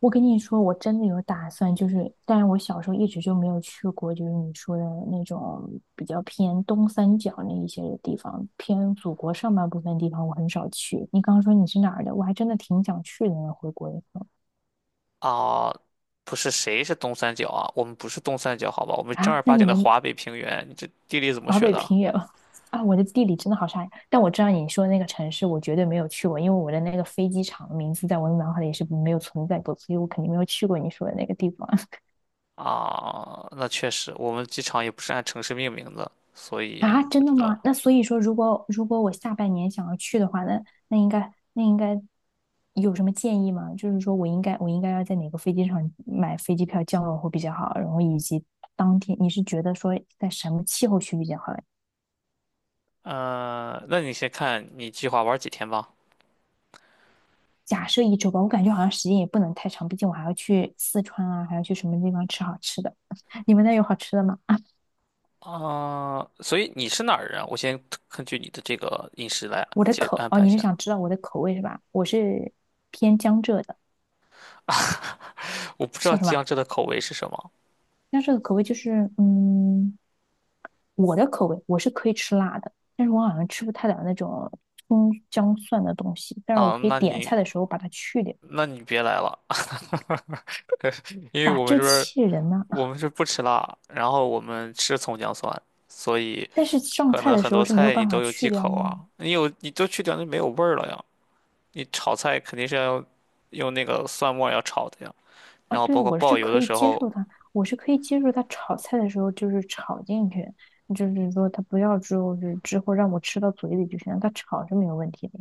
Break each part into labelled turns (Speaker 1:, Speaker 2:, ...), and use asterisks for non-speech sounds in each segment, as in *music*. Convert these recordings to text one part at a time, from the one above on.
Speaker 1: 我跟你说，我真的有打算，就是，但是我小时候一直就没有去过，就是你说的那种比较偏东三角那一些的地方，偏祖国上半部分地方，我很少去。你刚刚说你是哪儿的，我还真的挺想去的呢。回国以后
Speaker 2: 啊，不是谁是东三角啊？我们不是东三角，好吧？我们正
Speaker 1: 啊，
Speaker 2: 儿
Speaker 1: 那
Speaker 2: 八
Speaker 1: 你
Speaker 2: 经的
Speaker 1: 们
Speaker 2: 华北平原。你这地理怎么
Speaker 1: 华
Speaker 2: 学
Speaker 1: 北
Speaker 2: 的？
Speaker 1: 平原 *laughs* 啊，我的地理真的好差呀。但我知道你说的那个城市，我绝对没有去过，因为我的那个飞机场的名字在我的脑海里是没有存在过，所以我肯定没有去过你说的那个地方。
Speaker 2: 啊，那确实，我们机场也不是按城市命名的，所
Speaker 1: 啊，
Speaker 2: 以不
Speaker 1: 真的
Speaker 2: 知道。
Speaker 1: 吗？那所以说，如果我下半年想要去的话，那那应该有什么建议吗？就是说我应该要在哪个飞机场买飞机票降落会比较好，然后以及当天你是觉得说在什么气候区比较好嘞。
Speaker 2: 嗯，那你先看你计划玩几天吧。
Speaker 1: 假设一周吧，我感觉好像时间也不能太长，毕竟我还要去四川啊，还要去什么地方吃好吃的。*laughs* 你们那有好吃的吗？*laughs* 啊
Speaker 2: 啊，所以你是哪儿人啊我先根据你的这个饮食来
Speaker 1: 我的
Speaker 2: 接
Speaker 1: 口，
Speaker 2: 安
Speaker 1: 哦，
Speaker 2: 排一
Speaker 1: 你是
Speaker 2: 下。
Speaker 1: 想知道我的口味是吧？我是偏江浙的，
Speaker 2: *laughs* 我不知道
Speaker 1: 叫什么？
Speaker 2: 江浙的口味是什么
Speaker 1: 那这个口味就是，嗯，我的口味我是可以吃辣的，但是我好像吃不太了那种葱姜蒜的东西，但是我
Speaker 2: 啊，
Speaker 1: 可以
Speaker 2: 那
Speaker 1: 点菜
Speaker 2: 你
Speaker 1: 的时候把它去掉，
Speaker 2: 那你别来了，因为
Speaker 1: 把
Speaker 2: 我们
Speaker 1: 这
Speaker 2: 这边儿
Speaker 1: 气人呐。
Speaker 2: 我
Speaker 1: *laughs*
Speaker 2: 们是不吃辣，然后我们吃葱姜蒜，所以
Speaker 1: 但是上
Speaker 2: 可
Speaker 1: 菜
Speaker 2: 能
Speaker 1: 的
Speaker 2: 很
Speaker 1: 时候
Speaker 2: 多
Speaker 1: 是没有
Speaker 2: 菜你
Speaker 1: 办法
Speaker 2: 都有
Speaker 1: 去
Speaker 2: 忌
Speaker 1: 掉
Speaker 2: 口啊。
Speaker 1: 吗？
Speaker 2: 你有你都去掉就没有味儿了呀。你炒菜肯定是要用那个蒜末儿要炒的呀。
Speaker 1: 啊，
Speaker 2: 然后
Speaker 1: 对
Speaker 2: 包
Speaker 1: 啊，
Speaker 2: 括
Speaker 1: 我
Speaker 2: 爆
Speaker 1: 是
Speaker 2: 油
Speaker 1: 可
Speaker 2: 的
Speaker 1: 以
Speaker 2: 时
Speaker 1: 接
Speaker 2: 候，
Speaker 1: 受它，我是可以接受它炒菜的时候就是炒进去，就是说它不要之后就是之后让我吃到嘴里就行了，它炒是没有问题的。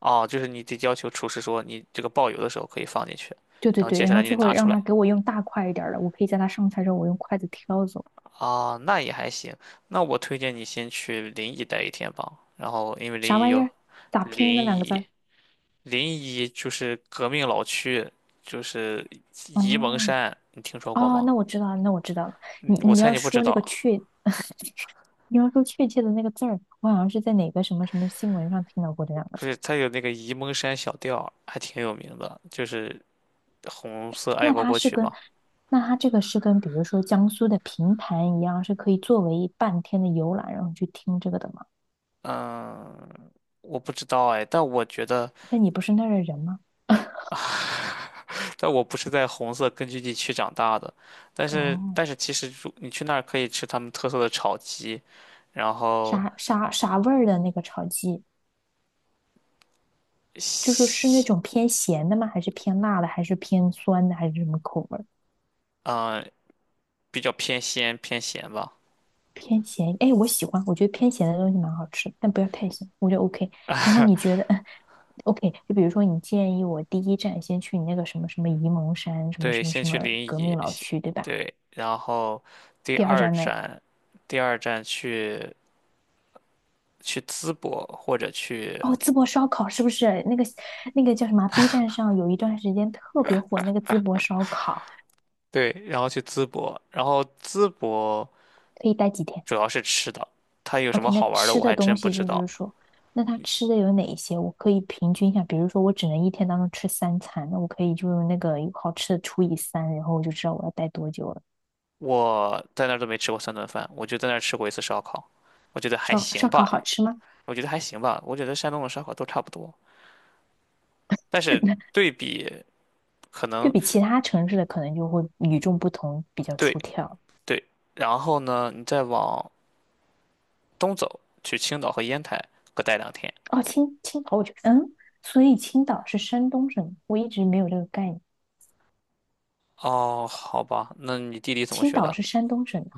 Speaker 2: 啊，就是你得要求厨师说你这个爆油的时候可以放进去，
Speaker 1: 对对
Speaker 2: 然后
Speaker 1: 对，
Speaker 2: 接下
Speaker 1: 然后
Speaker 2: 来你得
Speaker 1: 最后
Speaker 2: 拿出
Speaker 1: 让
Speaker 2: 来
Speaker 1: 他给我用大块一点儿的，我可以在他上菜之后我用筷子挑走。
Speaker 2: 啊。那也还行。那我推荐你先去临沂待一天吧。然后因为临
Speaker 1: 啥
Speaker 2: 沂
Speaker 1: 玩意
Speaker 2: 有
Speaker 1: 儿？咋
Speaker 2: 临
Speaker 1: 拼那两个字
Speaker 2: 沂
Speaker 1: 儿？
Speaker 2: 临沂就是革命老区，就是沂蒙
Speaker 1: 哦
Speaker 2: 山，你听说过
Speaker 1: 哦，
Speaker 2: 吗？
Speaker 1: 那我知道了，那我知道了。
Speaker 2: 嗯
Speaker 1: 你
Speaker 2: 我
Speaker 1: 你
Speaker 2: 猜
Speaker 1: 要
Speaker 2: 你不知
Speaker 1: 说那个
Speaker 2: 道，
Speaker 1: 确，*laughs* 你要说确切的那个字儿，我好像是在哪个什么什么新闻上听到过这两个
Speaker 2: 就
Speaker 1: 字。
Speaker 2: 是它有那个沂蒙山小调，还挺有名的，就是红色爱
Speaker 1: 那
Speaker 2: 国
Speaker 1: 它
Speaker 2: 歌
Speaker 1: 是
Speaker 2: 曲
Speaker 1: 跟，
Speaker 2: 嘛。
Speaker 1: 那它这个是跟，比如说江苏的平潭一样，是可以作为半天的游览，然后去听这个的吗？
Speaker 2: 嗯，我不知道哎，但我觉得，
Speaker 1: 那你不是那儿的人吗？
Speaker 2: 但我不是在红色根据地区长大的，但是
Speaker 1: 哦，
Speaker 2: 但是其实如你去那儿可以吃他们特色的炒鸡，然后
Speaker 1: 啥啥啥味儿的那个炒鸡，就是是那
Speaker 2: 西，
Speaker 1: 种偏咸的吗？还是偏辣的？还是偏酸的？还是什么口味儿？
Speaker 2: 嗯，比较偏鲜偏咸吧。
Speaker 1: 偏咸，哎，我喜欢，我觉得偏咸的东西蛮好吃，但不要太咸，我觉得 OK。然后你觉得OK？就比如说你建议我第一站先去你那个什么什么沂蒙山，什么
Speaker 2: 对，
Speaker 1: 什么
Speaker 2: 先
Speaker 1: 什
Speaker 2: 去
Speaker 1: 么
Speaker 2: 临
Speaker 1: 革
Speaker 2: 沂，
Speaker 1: 命老区，对吧？
Speaker 2: 对，然后第
Speaker 1: 第二
Speaker 2: 二
Speaker 1: 站呢？
Speaker 2: 站，第二站去淄博或者去
Speaker 1: 哦，淄博烧烤是不是那个叫什么啊 b 站上有一段时间特别火那个淄博烧烤，
Speaker 2: 对，然后去淄博，然后淄博
Speaker 1: 可以待几天？
Speaker 2: 主要是吃的，它有什么
Speaker 1: OK，那
Speaker 2: 好玩的
Speaker 1: 吃
Speaker 2: 我
Speaker 1: 的
Speaker 2: 还真
Speaker 1: 东
Speaker 2: 不
Speaker 1: 西
Speaker 2: 知
Speaker 1: 就
Speaker 2: 道。
Speaker 1: 是说，那他吃的有哪一些？我可以平均一下，比如说我只能一天当中吃三餐，那我可以就用那个有好吃的除以三，然后我就知道我要待多久了。
Speaker 2: 我在那儿都没吃过三顿饭，我就在那儿吃过一次烧烤，我觉得还
Speaker 1: 烧
Speaker 2: 行
Speaker 1: 烧烤
Speaker 2: 吧，
Speaker 1: 好吃吗？
Speaker 2: 我觉得还行吧，我觉得山东的烧烤都差不多，但是
Speaker 1: *laughs*
Speaker 2: 对比可
Speaker 1: 对
Speaker 2: 能
Speaker 1: 比其他城市的可能就会与众不同，比较
Speaker 2: 对
Speaker 1: 出挑。
Speaker 2: 对，然后呢，你再往东走去青岛和烟台各待2天。
Speaker 1: 哦，青岛，我觉得，嗯，所以青岛是山东省，我一直没有这个概念。
Speaker 2: 哦，好吧，那你地理怎么
Speaker 1: 青
Speaker 2: 学
Speaker 1: 岛
Speaker 2: 的？
Speaker 1: 是山东省的，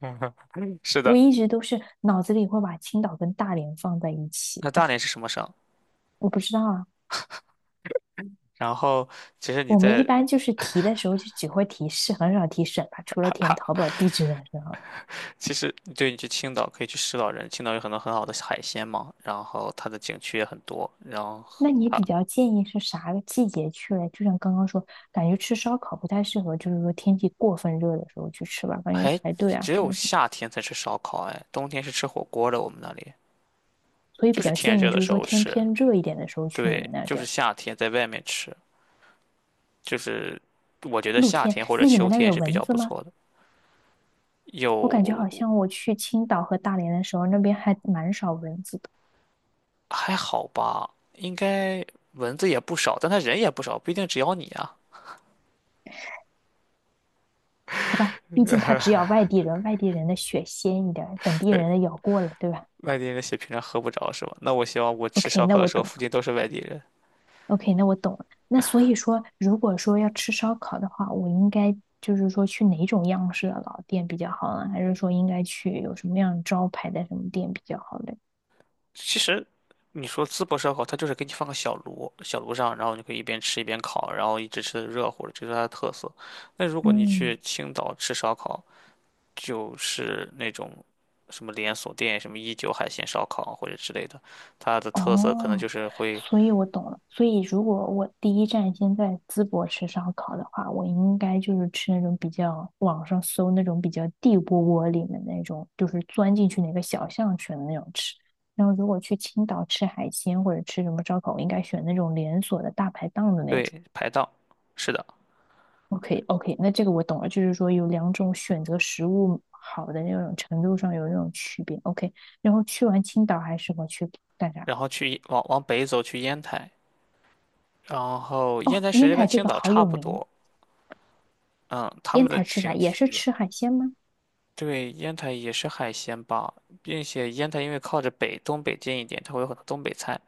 Speaker 2: *laughs* 是
Speaker 1: 我
Speaker 2: 的，
Speaker 1: 一直都是脑子里会把青岛跟大连放在一起，
Speaker 2: 那大连是什么省？
Speaker 1: 我不知道啊。
Speaker 2: 然后，其实你
Speaker 1: 我们一
Speaker 2: 在，
Speaker 1: 般就是提的时候就只会提市，很少提省吧，除了填淘宝地址的时候。
Speaker 2: 其实对你去青岛可以去石老人，青岛有很多很好的海鲜嘛，然后它的景区也很多，然后
Speaker 1: 那你比较建议是啥个季节去嘞？就像刚刚说，感觉吃烧烤不太适合，就是说天气过分热的时候去吃吧，感觉
Speaker 2: 还
Speaker 1: 排队啊
Speaker 2: 只
Speaker 1: 什
Speaker 2: 有
Speaker 1: 么什么。
Speaker 2: 夏天才吃烧烤，哎，冬天是吃火锅的，我们那里
Speaker 1: 所以比
Speaker 2: 就是
Speaker 1: 较
Speaker 2: 天
Speaker 1: 建议
Speaker 2: 热的
Speaker 1: 就是
Speaker 2: 时
Speaker 1: 说
Speaker 2: 候
Speaker 1: 天
Speaker 2: 吃，
Speaker 1: 偏热一点的时候去你们
Speaker 2: 对，
Speaker 1: 那
Speaker 2: 就
Speaker 1: 地
Speaker 2: 是
Speaker 1: 儿，
Speaker 2: 夏天在外面吃，就是我觉得
Speaker 1: 露
Speaker 2: 夏
Speaker 1: 天。
Speaker 2: 天或者
Speaker 1: 那你们
Speaker 2: 秋
Speaker 1: 那儿
Speaker 2: 天
Speaker 1: 有
Speaker 2: 是比
Speaker 1: 蚊
Speaker 2: 较
Speaker 1: 子
Speaker 2: 不
Speaker 1: 吗？
Speaker 2: 错的，
Speaker 1: 我感觉好
Speaker 2: 有。
Speaker 1: 像我去青岛和大连的时候，那边还蛮少蚊子的，
Speaker 2: 还好吧，应该蚊子也不少，但他人也不少，不一定只咬你啊。
Speaker 1: 好吧？毕竟它只咬外地人，外地人的血鲜一点，本地
Speaker 2: 对，
Speaker 1: 人的咬过了，对吧
Speaker 2: 外地人的血平常喝不着是吧？那我希望我吃
Speaker 1: ？OK，
Speaker 2: 烧
Speaker 1: 那
Speaker 2: 烤的
Speaker 1: 我
Speaker 2: 时候
Speaker 1: 懂
Speaker 2: 附近都是外地人。
Speaker 1: OK，那我懂了。那所以说，如果说要吃烧烤的话，我应该就是说去哪种样式的老店比较好呢？还是说应该去有什么样招牌的什么店比较好嘞？
Speaker 2: 其实你说淄博烧烤，它就是给你放个小炉，小炉上，然后你可以一边吃一边烤，然后一直吃的热乎的，这是它的特色。那如果你
Speaker 1: 嗯。
Speaker 2: 去青岛吃烧烤，就是那种什么连锁店，什么一九海鲜烧烤或者之类的，它的特色可能
Speaker 1: 哦，
Speaker 2: 就是会
Speaker 1: 所以我懂了。所以如果我第一站先在淄博吃烧烤的话，我应该就是吃那种比较网上搜那种比较地窝窝里面那种，就是钻进去哪个小巷选的那种吃。然后如果去青岛吃海鲜或者吃什么烧烤，我应该选那种连锁的大排档的那种。
Speaker 2: 对排档。是的。
Speaker 1: OK OK，那这个我懂了，就是说有两种选择食物好的那种程度上有那种区别。OK，然后去完青岛还适合去干啥？
Speaker 2: 然后去往北走去烟台，然后烟
Speaker 1: 哦，
Speaker 2: 台其
Speaker 1: 烟
Speaker 2: 实跟
Speaker 1: 台这
Speaker 2: 青
Speaker 1: 个
Speaker 2: 岛
Speaker 1: 好
Speaker 2: 差
Speaker 1: 有
Speaker 2: 不
Speaker 1: 名，
Speaker 2: 多，嗯，他
Speaker 1: 烟
Speaker 2: 们的
Speaker 1: 台吃啥？
Speaker 2: 景
Speaker 1: 也是
Speaker 2: 区。
Speaker 1: 吃海鲜吗？
Speaker 2: 对，烟台也是海鲜吧，并且烟台因为靠着北东北近一点，它会有很多东北菜。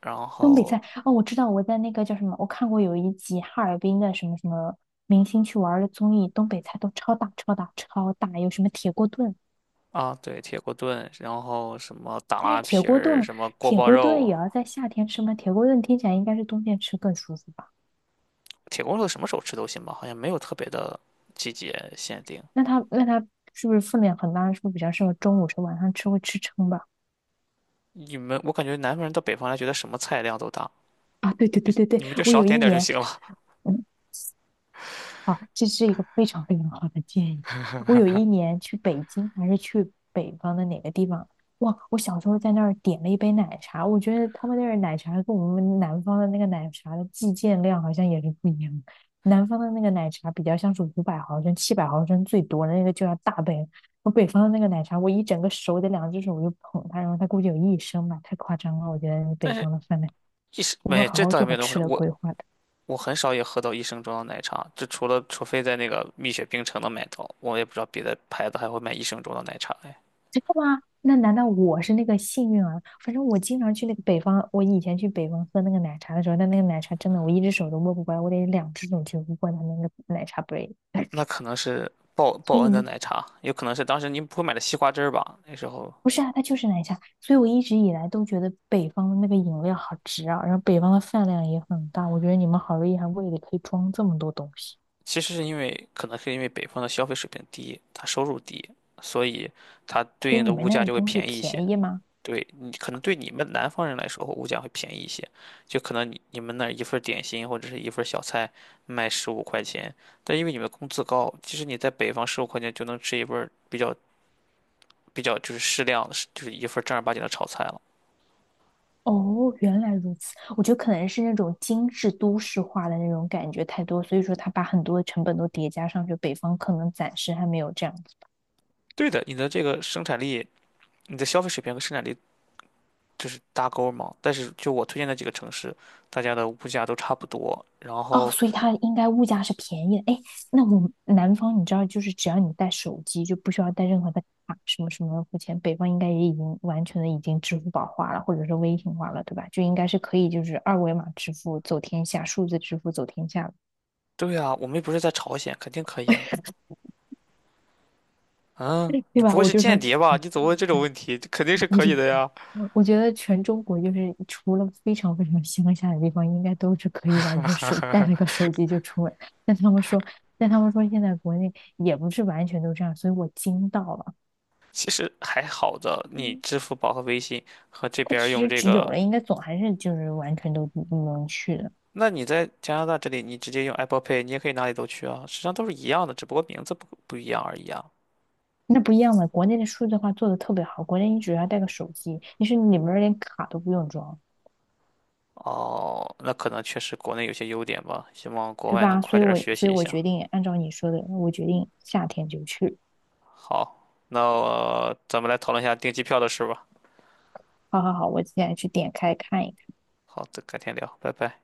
Speaker 2: 然
Speaker 1: 东北
Speaker 2: 后
Speaker 1: 菜哦，我知道，我在那个叫什么，我看过有一集哈尔滨的什么什么明星去玩的综艺，东北菜都超大超大超大，有什么铁锅炖，
Speaker 2: 啊，对，铁锅炖，然后什么打
Speaker 1: 但是
Speaker 2: 拉
Speaker 1: 铁
Speaker 2: 皮
Speaker 1: 锅
Speaker 2: 儿，
Speaker 1: 炖
Speaker 2: 什么锅
Speaker 1: 铁
Speaker 2: 包
Speaker 1: 锅炖
Speaker 2: 肉，
Speaker 1: 也要在夏天吃吗？铁锅炖听起来应该是冬天吃更舒服吧？
Speaker 2: 铁锅炖什么时候吃都行吧，好像没有特别的季节限定。
Speaker 1: 那它是不是分量很大？是不是比较适合中午吃，晚上吃会吃撑吧？
Speaker 2: 你们，我感觉南方人到北方来，觉得什么菜量都大，
Speaker 1: 啊，对对对对对，
Speaker 2: 你们就
Speaker 1: 我
Speaker 2: 少
Speaker 1: 有
Speaker 2: 点
Speaker 1: 一
Speaker 2: 点儿就
Speaker 1: 年。
Speaker 2: 行了。
Speaker 1: 嗯啊，这是一个非常非常好的建议。我有一年去北京，还是去北方的哪个地方？哇，我小时候在那儿点了一杯奶茶，我觉得他们那儿奶茶跟我们南方的那个奶茶的计件量好像也是不一样的。南方的那个奶茶比较像是500毫升、700毫升最多的那个就要大杯，我北方的那个奶茶，我一整个手得两只手我就捧它，然后它估计有1升吧，太夸张了。我觉得
Speaker 2: *laughs*
Speaker 1: 北
Speaker 2: 但是
Speaker 1: 方的饭量，
Speaker 2: 一时
Speaker 1: 我会
Speaker 2: 没，
Speaker 1: 好
Speaker 2: 这
Speaker 1: 好
Speaker 2: 倒也
Speaker 1: 做
Speaker 2: 没
Speaker 1: 好
Speaker 2: 有那么
Speaker 1: 吃
Speaker 2: 夸张。
Speaker 1: 的
Speaker 2: 我
Speaker 1: 规划的。
Speaker 2: 我很少也喝到一升装的奶茶，就除了除非在那个蜜雪冰城能买到，我也不知道别的牌子还会卖一升装的奶茶哎。
Speaker 1: 真的吗？那难道我是那个幸运儿？反正我经常去那个北方，我以前去北方喝那个奶茶的时候，那那个奶茶真的，我一只手都握不过来，我得两只手去握它那个奶茶杯。
Speaker 2: 那可能是报
Speaker 1: 所
Speaker 2: 报
Speaker 1: 以你
Speaker 2: 恩的
Speaker 1: 们
Speaker 2: 奶茶，有可能是当时您不会买的西瓜汁儿吧？那时候
Speaker 1: 不是啊，它就是奶茶。所以我一直以来都觉得北方的那个饮料好值啊，然后北方的饭量也很大。我觉得你们好厉害，胃里可以装这么多东西。
Speaker 2: 其实是因为可能是因为北方的消费水平低，他收入低，所以它对
Speaker 1: 所以
Speaker 2: 应的
Speaker 1: 你们
Speaker 2: 物
Speaker 1: 那儿
Speaker 2: 价
Speaker 1: 的
Speaker 2: 就会
Speaker 1: 东西
Speaker 2: 便宜一些。
Speaker 1: 便宜吗？
Speaker 2: 对你可能对你们南方人来说，物价会便宜一些，就可能你们那儿一份儿点心或者是一份儿小菜卖十五块钱，但因为你们工资高，其实你在北方十五块钱就能吃一份儿比较就是适量的，就是一份儿正儿八经的炒菜了。
Speaker 1: 哦，原来如此。我觉得可能是那种精致都市化的那种感觉太多，所以说他把很多的成本都叠加上去。北方可能暂时还没有这样子。
Speaker 2: 对的，你的这个生产力，你的消费水平和生产力就是搭钩儿嘛。但是就我推荐的几个城市，大家的物价都差不多。然
Speaker 1: 哦，
Speaker 2: 后，
Speaker 1: 所以它应该物价是便宜的。哎，那我们南方你知道，就是只要你带手机，就不需要带任何的卡什么什么付钱。北方应该也已经完全的已经支付宝化了，或者是微信化了，对吧？就应该是可以就是二维码支付走天下，数字支付走天下了，
Speaker 2: 对啊，我们又不是在朝鲜，肯定可以啊。嗯，
Speaker 1: *laughs*
Speaker 2: 你
Speaker 1: 对吧？
Speaker 2: 不会
Speaker 1: 我
Speaker 2: 是
Speaker 1: 就说
Speaker 2: 间
Speaker 1: 这
Speaker 2: 谍吧？
Speaker 1: 样。
Speaker 2: 你怎么问这种问题？肯定是
Speaker 1: 我
Speaker 2: 可
Speaker 1: 觉
Speaker 2: 以
Speaker 1: 得，
Speaker 2: 的呀。
Speaker 1: 我觉得全中国就是除了非常非常乡下的地方，应该都是可以完全手带了个手机就出门。但他们说，但他们说现在国内也不是完全都这样，所以我惊到了。
Speaker 2: 其实还好的，你
Speaker 1: 嗯，
Speaker 2: 支付宝和微信和这
Speaker 1: 它
Speaker 2: 边儿
Speaker 1: 其
Speaker 2: 用
Speaker 1: 实
Speaker 2: 这
Speaker 1: 只有
Speaker 2: 个，
Speaker 1: 了，应该总还是就是完全都不能去的。
Speaker 2: 那你在加拿大这里，你直接用 Apple Pay，你也可以哪里都去啊，实际上都是一样的，只不过名字不一样而已啊。
Speaker 1: 那不一样嘛，国内的数字化做的特别好，国内你只要带个手机，你是里面连卡都不用装，
Speaker 2: 哦，那可能确实国内有些优点吧，希望国
Speaker 1: 对
Speaker 2: 外能
Speaker 1: 吧？
Speaker 2: 快
Speaker 1: 所以
Speaker 2: 点儿
Speaker 1: 我
Speaker 2: 学习一下。
Speaker 1: 决定按照你说的，我决定夏天就去。
Speaker 2: 好，那，咱们来讨论一下订机票的事吧。
Speaker 1: 好好好，我现在去点开看一看。
Speaker 2: 好的，改天聊，拜拜。